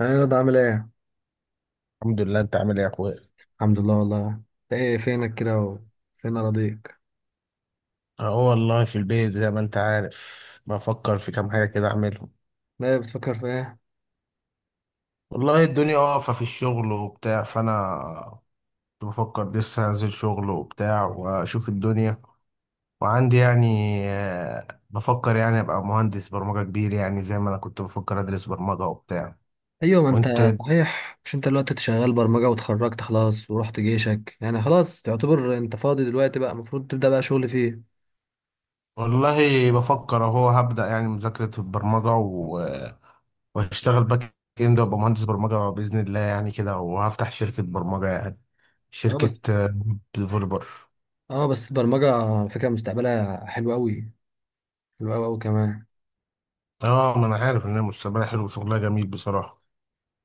ايه رضا؟ عامل ايه؟ الحمد لله. انت عامل ايه يا اخويا؟ الحمد لله. والله انت ايه، فينك كده فين اراضيك؟ اهو والله في البيت زي ما انت عارف، بفكر في كام حاجه كده اعملهم. لا، بتفكر في ايه؟ والله الدنيا واقفه في الشغل وبتاع، فانا كنت بفكر لسه انزل شغل وبتاع واشوف الدنيا. وعندي يعني بفكر يعني ابقى مهندس برمجه كبير، يعني زي ما انا كنت بفكر ادرس برمجه وبتاع. ايوه، ما وانت؟ انت. صحيح، مش انت دلوقتي شغال برمجه واتخرجت خلاص ورحت جيشك، يعني خلاص تعتبر انت فاضي دلوقتي، بقى المفروض تبدا بقى شغل فيه. والله بفكر اهو هبدأ يعني مذاكره البرمجه، وهشتغل باك اند وابقى مهندس برمجه باذن الله يعني كده، وهفتح شركه برمجه يعني، اه بس. شركه ديفلوبر. اه بس البرمجه على فكره مستقبلها حلو قوي، حلو قوي قوي كمان. اه، ما انا عارف ان المستقبل حلو وشغلها جميل بصراحه.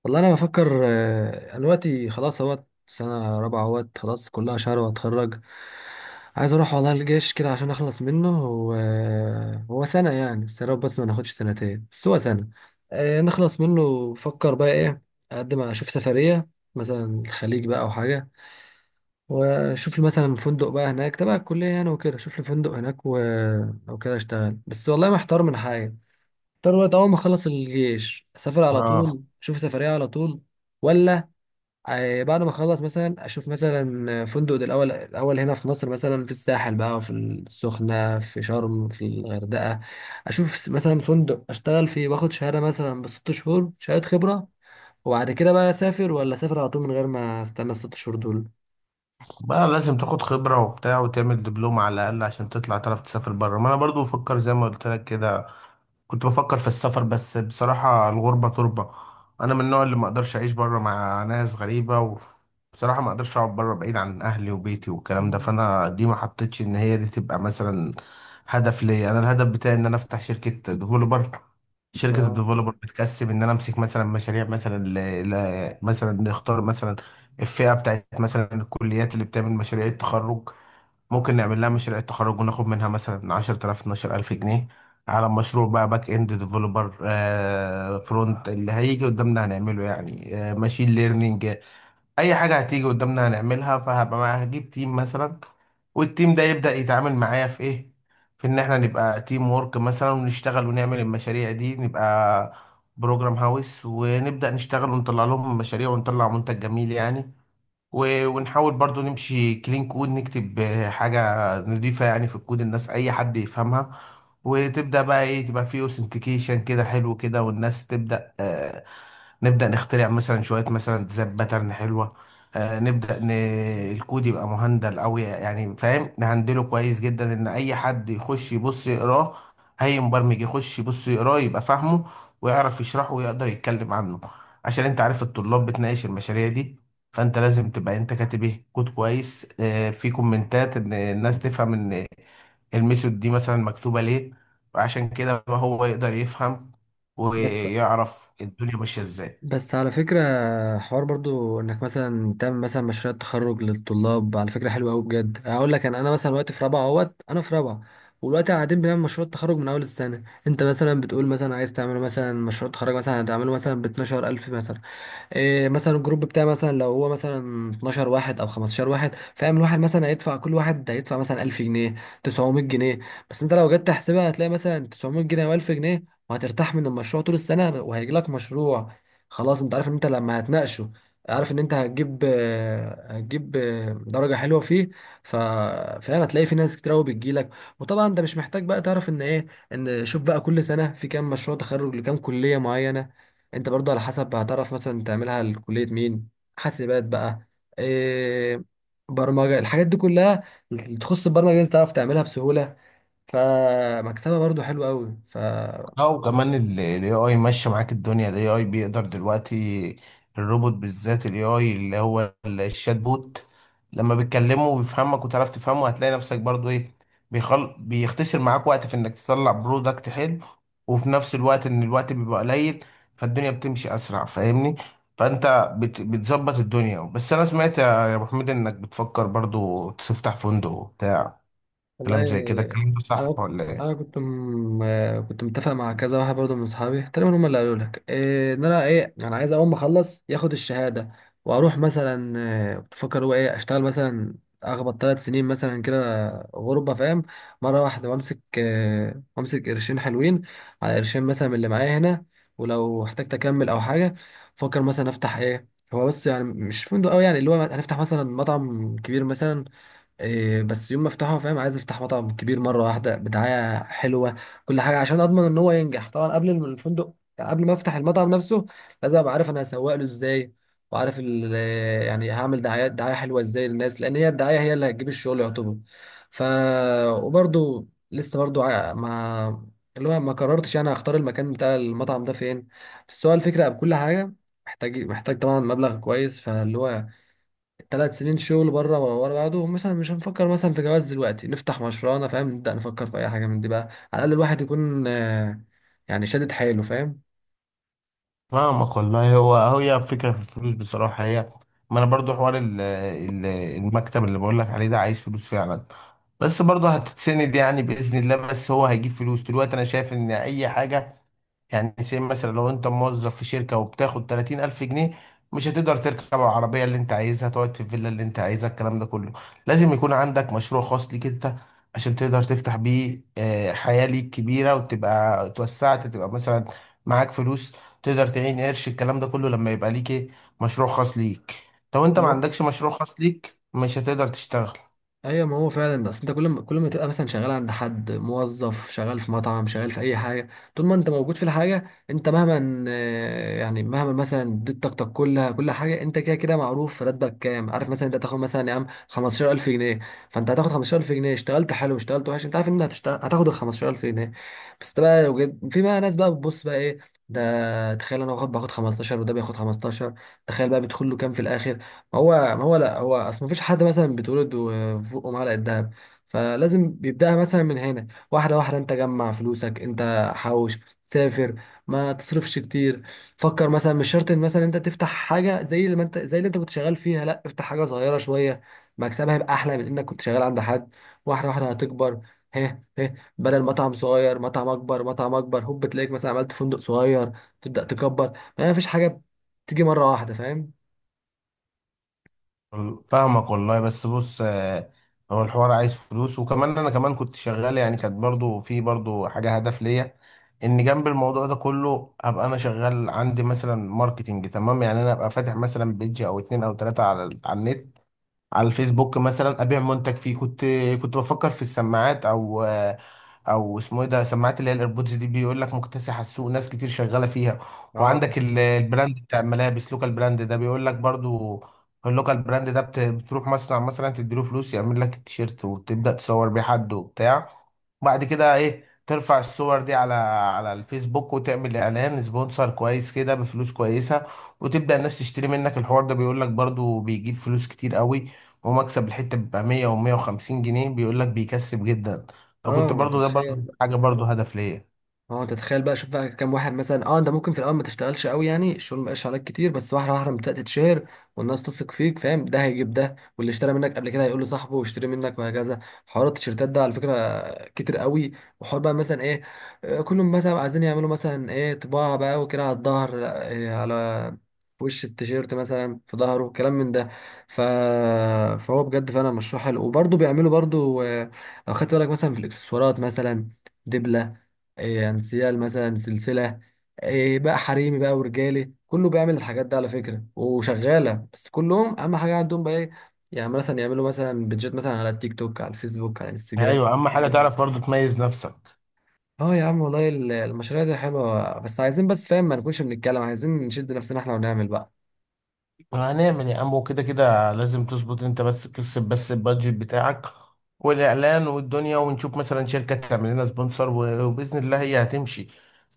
والله انا بفكر، انا دلوقتي خلاص اهوت سنه رابعه، اهوت خلاص كلها شهر واتخرج. عايز اروح والله الجيش كده عشان اخلص منه. هو سنه يعني، بس يا رب بس ما ناخدش سنتين، بس هو سنه. نخلص منه بفكر بقى ايه. اشوف سفريه مثلا، الخليج بقى او حاجه. واشوف لي مثلا فندق بقى هناك تبع الكليه يعني، وكده اشوف لي فندق هناك و... او كده اشتغل. بس والله محتار من حاجه، محتار وقت اول ما اخلص الجيش اسافر على اه، طول اشوف سفريه على طول، ولا بعد ما اخلص مثلا اشوف مثلا فندق ده الاول، الاول هنا في مصر مثلا في الساحل بقى، في السخنه، في شرم، في الغردقه. اشوف مثلا فندق اشتغل فيه واخد شهاده مثلا بست شهور، شهاده خبره، وبعد كده بقى اسافر ولا اسافر على طول من غير ما استنى الست شهور دول. بقى لازم تاخد خبرة وبتاع وتعمل دبلوم على الأقل عشان تطلع تعرف تسافر بره. ما أنا برضو بفكر زي ما قلت لك كده، كنت بفكر في السفر، بس بصراحة الغربة تربة. أنا من النوع اللي ما أقدرش أعيش بره مع ناس غريبة، وبصراحة ما أقدرش أقعد بره بعيد عن أهلي وبيتي والكلام ده. مم. فأنا دي ما حطيتش إن هي دي تبقى مثلا هدف ليا. أنا الهدف بتاعي إن أنا أفتح شركة ديفولوبر. شركة اه الديفولوبر بتكسب إن أنا أمسك مثلا مشاريع، مثلا مثلا نختار مثلا الفئة بتاعت مثلا الكليات اللي بتعمل مشاريع التخرج. ممكن نعمل لها مشاريع التخرج وناخد منها مثلا 10,000 12,000 جنيه على مشروع، بقى باك اند ديفلوبر، آه، فرونت، اللي هيجي قدامنا هنعمله، يعني آه ماشين ليرنينج، اي حاجة هتيجي قدامنا هنعملها. هجيب تيم مثلا، والتيم ده يبدأ يتعامل معايا في ايه، في ان احنا نبقى تيم وورك مثلا، ونشتغل ونعمل المشاريع دي، نبقى بروجرام هاوس ونبدأ نشتغل ونطلع لهم مشاريع ونطلع منتج جميل يعني. ونحاول برضو نمشي كلين كود، نكتب حاجة نضيفة يعني في الكود، الناس أي حد يفهمها. وتبدأ بقى إيه، تبقى فيه أوثنتيكيشن كده حلو كده، والناس تبدأ نبدأ نخترع مثلا شوية مثلا ديزاين باترن حلوة. آه، الكود يبقى مهندل أوي يعني، فاهم، نهندله كويس جدا إن أي حد يخش يبص يقراه، أي مبرمج يخش يبص يقراه يبقى فاهمه ويعرف يشرحه ويقدر يتكلم عنه. عشان أنت عارف الطلاب بتناقش المشاريع دي، فأنت لازم تبقى أنت كاتب إيه، كود كويس، آه، في كومنتات إن الناس تفهم إن الميثود دي مثلا مكتوبة ليه. وعشان كده هو يقدر يفهم بس. ويعرف الدنيا ماشية إزاي. بس على فكرة، حوار برضو انك مثلا تعمل مثلا مشروع تخرج للطلاب على فكرة حلوة قوي بجد. اقول لك انا مثلا دلوقتي في رابعة اهوت، انا في رابعة ودلوقتي قاعدين بنعمل مشروع تخرج من اول السنة. انت مثلا بتقول مثلا عايز تعمل مثلا مشروع تخرج مثلا هتعمله مثلا ب 12000 مثلا، إيه مثلا الجروب بتاعي مثلا لو هو مثلا 12 واحد او 15 واحد، فاهم؟ الواحد مثلا هيدفع، كل واحد هيدفع مثلا 1000 جنيه، 900 جنيه. بس انت لو جيت تحسبها هتلاقي مثلا 900 جنيه او 1000 جنيه، وهترتاح من المشروع طول السنه وهيجي لك مشروع خلاص، انت عارف ان انت لما هتناقشه عارف ان انت هتجيب، هتجيب درجه حلوه فيه. ف- فاهم؟ هتلاقي في ناس كتير قوي بتجيلك. وطبعا انت مش محتاج بقى تعرف ان ايه، ان شوف بقى كل سنه في كام مشروع تخرج لكام كليه معينه. انت برضو على حسب هتعرف مثلا تعملها لكلية مين، حاسبات بقى، إيه، برمجة، الحاجات دي كلها اللي تخص البرمجة دي تعرف تعملها بسهولة، فمكسبها برضو حلو قوي. ف، لا، وكمان الاي اي ماشي معاك الدنيا. الاي اي بيقدر دلوقتي، الروبوت بالذات الاي اي اللي هو الشات بوت، لما بتكلمه وبيفهمك وتعرف تفهمه، هتلاقي نفسك برضو ايه، بيختصر معاك وقت في انك تطلع برودكت حلو، وفي نفس الوقت ان الوقت بيبقى قليل، فالدنيا بتمشي اسرع، فاهمني؟ فانت بتظبط الدنيا. بس انا سمعت يا ابو حميد انك بتفكر برضو تفتح فندق وبتاع، والله كلام زي كده، الكلام ده صح انا، ولا ايه؟ كنت متفق مع كذا واحد برضه من اصحابي تقريبا، هم اللي قالوا لك إيه، ان انا ايه، انا عايز اول ما اخلص ياخد الشهاده واروح مثلا، إيه، بفكر هو ايه اشتغل مثلا اخبط ثلاث سنين مثلا كده، غربه، فاهم؟ مره واحده وامسك، إيه، وامسك قرشين حلوين، على قرشين مثلا من اللي معايا هنا. ولو احتجت اكمل او حاجه، فكر مثلا افتح ايه. هو بس يعني مش فندق قوي، يعني اللي هو هنفتح مثلا مطعم كبير مثلا، إيه بس، يوم ما افتحه فاهم، عايز افتح مطعم كبير مره واحده بدعايه حلوه، كل حاجه عشان اضمن ان هو ينجح. طبعا قبل الفندق، يعني قبل ما افتح المطعم نفسه، لازم ابقى عارف انا هسوق له ازاي، وعارف يعني هعمل دعايه، دعايه حلوه ازاي للناس، لان هي الدعايه هي اللي هتجيب الشغل يعتبر. ف، وبرده لسه برده ما، اللي هو ما قررتش انا هختار المكان بتاع المطعم ده فين. بس هو الفكره بكل حاجه، محتاج، طبعا مبلغ كويس. فاللي هو ثلاث سنين شغل بره ورا بعضهم مثلا، مش هنفكر مثلا في جواز دلوقتي، نفتح مشروعنا فاهم، نبدأ نفكر في اي حاجه من دي بقى، على الاقل الواحد يكون يعني شادد حيله، فاهم؟ فاهمك والله. هو هي فكرة في الفلوس بصراحة هي، ما انا برضو حوار المكتب اللي بقول لك عليه ده عايز فلوس فعلا، بس برضو هتتسند يعني بإذن الله. بس هو هيجيب فلوس دلوقتي. انا شايف ان اي حاجة، يعني زي مثلا لو انت موظف في شركة وبتاخد 30 ألف جنيه، مش هتقدر تركب العربية اللي انت عايزها، تقعد في الفيلا اللي انت عايزها، الكلام ده كله لازم يكون عندك مشروع خاص ليك انت، عشان تقدر تفتح بيه حياة ليك كبيرة، وتبقى اتوسعت، تبقى مثلا معاك فلوس، تقدر تعين قرش، الكلام ده كله لما يبقى ليك ايه، مشروع خاص ليك. لو انت ما عندكش مشروع خاص ليك مش هتقدر تشتغل. ايوه، ما هو فعلا. بس انت كل ما تبقى مثلا شغال عند حد موظف، شغال في مطعم، شغال في اي حاجه، طول ما انت موجود في الحاجه انت مهما، يعني مهما مثلا اديت طاقتك كلها كل حاجه، انت كده كده معروف راتبك كام، عارف مثلا انت هتاخد مثلا يا عم 15000 جنيه، فانت هتاخد 15000 جنيه. اشتغلت حلو، اشتغلت وحش، انت عارف ان هتشتغل هتاخد ال 15000 جنيه. بس ده بقى لو في بقى ناس بقى بتبص بقى ايه، ده تخيل انا باخد، 15 وده بياخد 15، تخيل بقى بيدخل له كام في الاخر. هو ما هو لا، هو اصل مفيش حد مثلا بيتولد وفوقه معلقه دهب، فلازم بيبداها مثلا من هنا واحده واحده. انت جمع فلوسك، انت حوش، سافر، ما تصرفش كتير. فكر مثلا، مش شرط ان مثلا انت تفتح حاجه زي اللي ما انت زي اللي انت كنت شغال فيها، لا افتح حاجه صغيره شويه مكسبها يبقى احلى من انك كنت شغال عند حد، واحده واحده هتكبر. هه هه، بدل مطعم صغير مطعم اكبر، مطعم اكبر، هوب تلاقيك مثلا عملت فندق صغير، تبدا تكبر. ما فيش حاجه بتيجي مره واحده، فاهم؟ فاهمك والله، بس بص هو الحوار عايز فلوس. وكمان انا كمان كنت شغال يعني، كانت برضو في برضو حاجة هدف ليا، ان جنب الموضوع ده كله ابقى انا شغال عندي مثلا ماركتينج، تمام؟ يعني انا ابقى فاتح مثلا بيدج او اتنين او تلاتة على على النت، على الفيسبوك مثلا، ابيع منتج فيه. كنت بفكر في السماعات، او اسمه ايه ده، سماعات اللي هي الايربودز دي، بيقول لك مكتسحه السوق، ناس كتير شغاله فيها. وعندك اه. البراند بتاع الملابس، لوكال براند ده بيقول لك برضو، اللوكال براند ده بتروح مصنع مثلا تديله فلوس يعمل لك التيشيرت، وتبدا تصور بيه حد وبتاع. بعد كده ايه، ترفع الصور دي على على الفيسبوك وتعمل اعلان سبونسر كويس كده بفلوس كويسه، وتبدا الناس تشتري منك. الحوار ده بيقول لك برضو بيجيب فلوس كتير قوي، هو مكسب الحتة بيبقى 100 و 150 جنيه، بيقول لك بيكسب جدا. فكنت اه انت برضو ده برضو تتخيل حاجة برضو هدف ليا. اه انت تتخيل بقى، شوف بقى كام واحد مثلا. اه، انت ممكن في الاول ما تشتغلش قوي، يعني الشغل ما بقاش عليك كتير، بس واحده واحده لما بدات تتشهر والناس تثق فيك فاهم، ده هيجيب ده، واللي اشترى منك قبل كده هيقول لصاحبه واشتري منك، وهكذا. حوار التيشيرتات ده على فكره كتير قوي، وحوار بقى مثلا ايه، كلهم مثلا عايزين يعملوا مثلا ايه، طباعة بقى وكده على الظهر، لا، إيه، على وش التيشيرت مثلا في ظهره كلام من ده. ف... فهو بجد فعلا مشروع حلو. وبرضه بيعملوا برضه لو خدت بالك مثلا في الاكسسوارات مثلا، دبلة، إيه انسيال، مثلا سلسلة، إيه بقى حريمي بقى ورجالي، كله بيعمل الحاجات دي على فكرة وشغالة. بس كلهم أهم حاجة عندهم بقى إيه، يعني مثلا يعملوا مثلا بيدجيت مثلا على التيك توك، على الفيسبوك، على الانستجرام. ايوه، اهم حاجة تعرف برضو تميز نفسك. اه يا عم والله، المشاريع دي حلوه بس عايزين، بس فاهم ما نكونش بنتكلم، عايزين نشد نفسنا احنا ونعمل بقى. هنعمل يا عم، وكده كده لازم تظبط. انت بس ترسم بس البادجت بتاعك، والاعلان والدنيا، ونشوف مثلا شركه تعمل لنا سبونسر، وباذن الله هي هتمشي.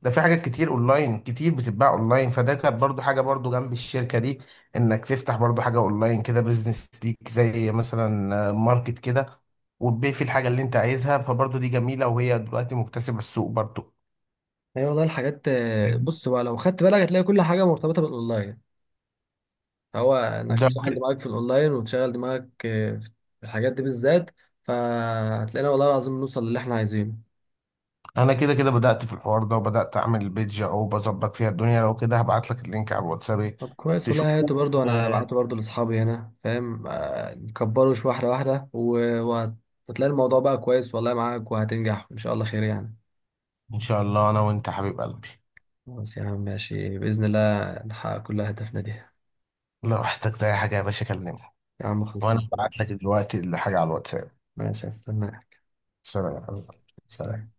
ده في حاجات كتير اونلاين، كتير بتتباع اونلاين، فده كانت برضو حاجه برضو جنب الشركه دي، انك تفتح برضو حاجه اونلاين كده، بزنس ليك، زي مثلا ماركت كده، وتبيع فيه الحاجه اللي انت عايزها. فبرضو دي جميله، وهي دلوقتي مكتسبه السوق برضو هي والله الحاجات بص بقى، لو خدت بالك هتلاقي كل حاجه مرتبطه بالاونلاين. هو انك ده. تشغل دماغك في الاونلاين وتشغل دماغك في الحاجات دي بالذات، فهتلاقينا والله العظيم نوصل للي احنا عايزينه. انا كده كده بدأت في الحوار ده، وبدأت اعمل البيج اهو بظبط فيها الدنيا. لو كده هبعت لك اللينك على الواتساب طب كويس والله، تشوفه. هاته برضو، انا آه، بعته برضو لاصحابي هنا فاهم، نكبره شويه واحده واحده وهتلاقي الموضوع بقى كويس والله معاك، وهتنجح ان شاء الله خير يعني. ان شاء الله، انا وانت حبيب قلبي. خلاص يا عم، ماشي بإذن الله نحقق كل أهدافنا دي يا لو احتجت اي حاجة يا باشا كلمني، عم. خلصان وانا بعت والله. لك دلوقتي الحاجة على الواتساب. ماشي، هستناك. سلام يا حبيب قلبي. سلام. سلام.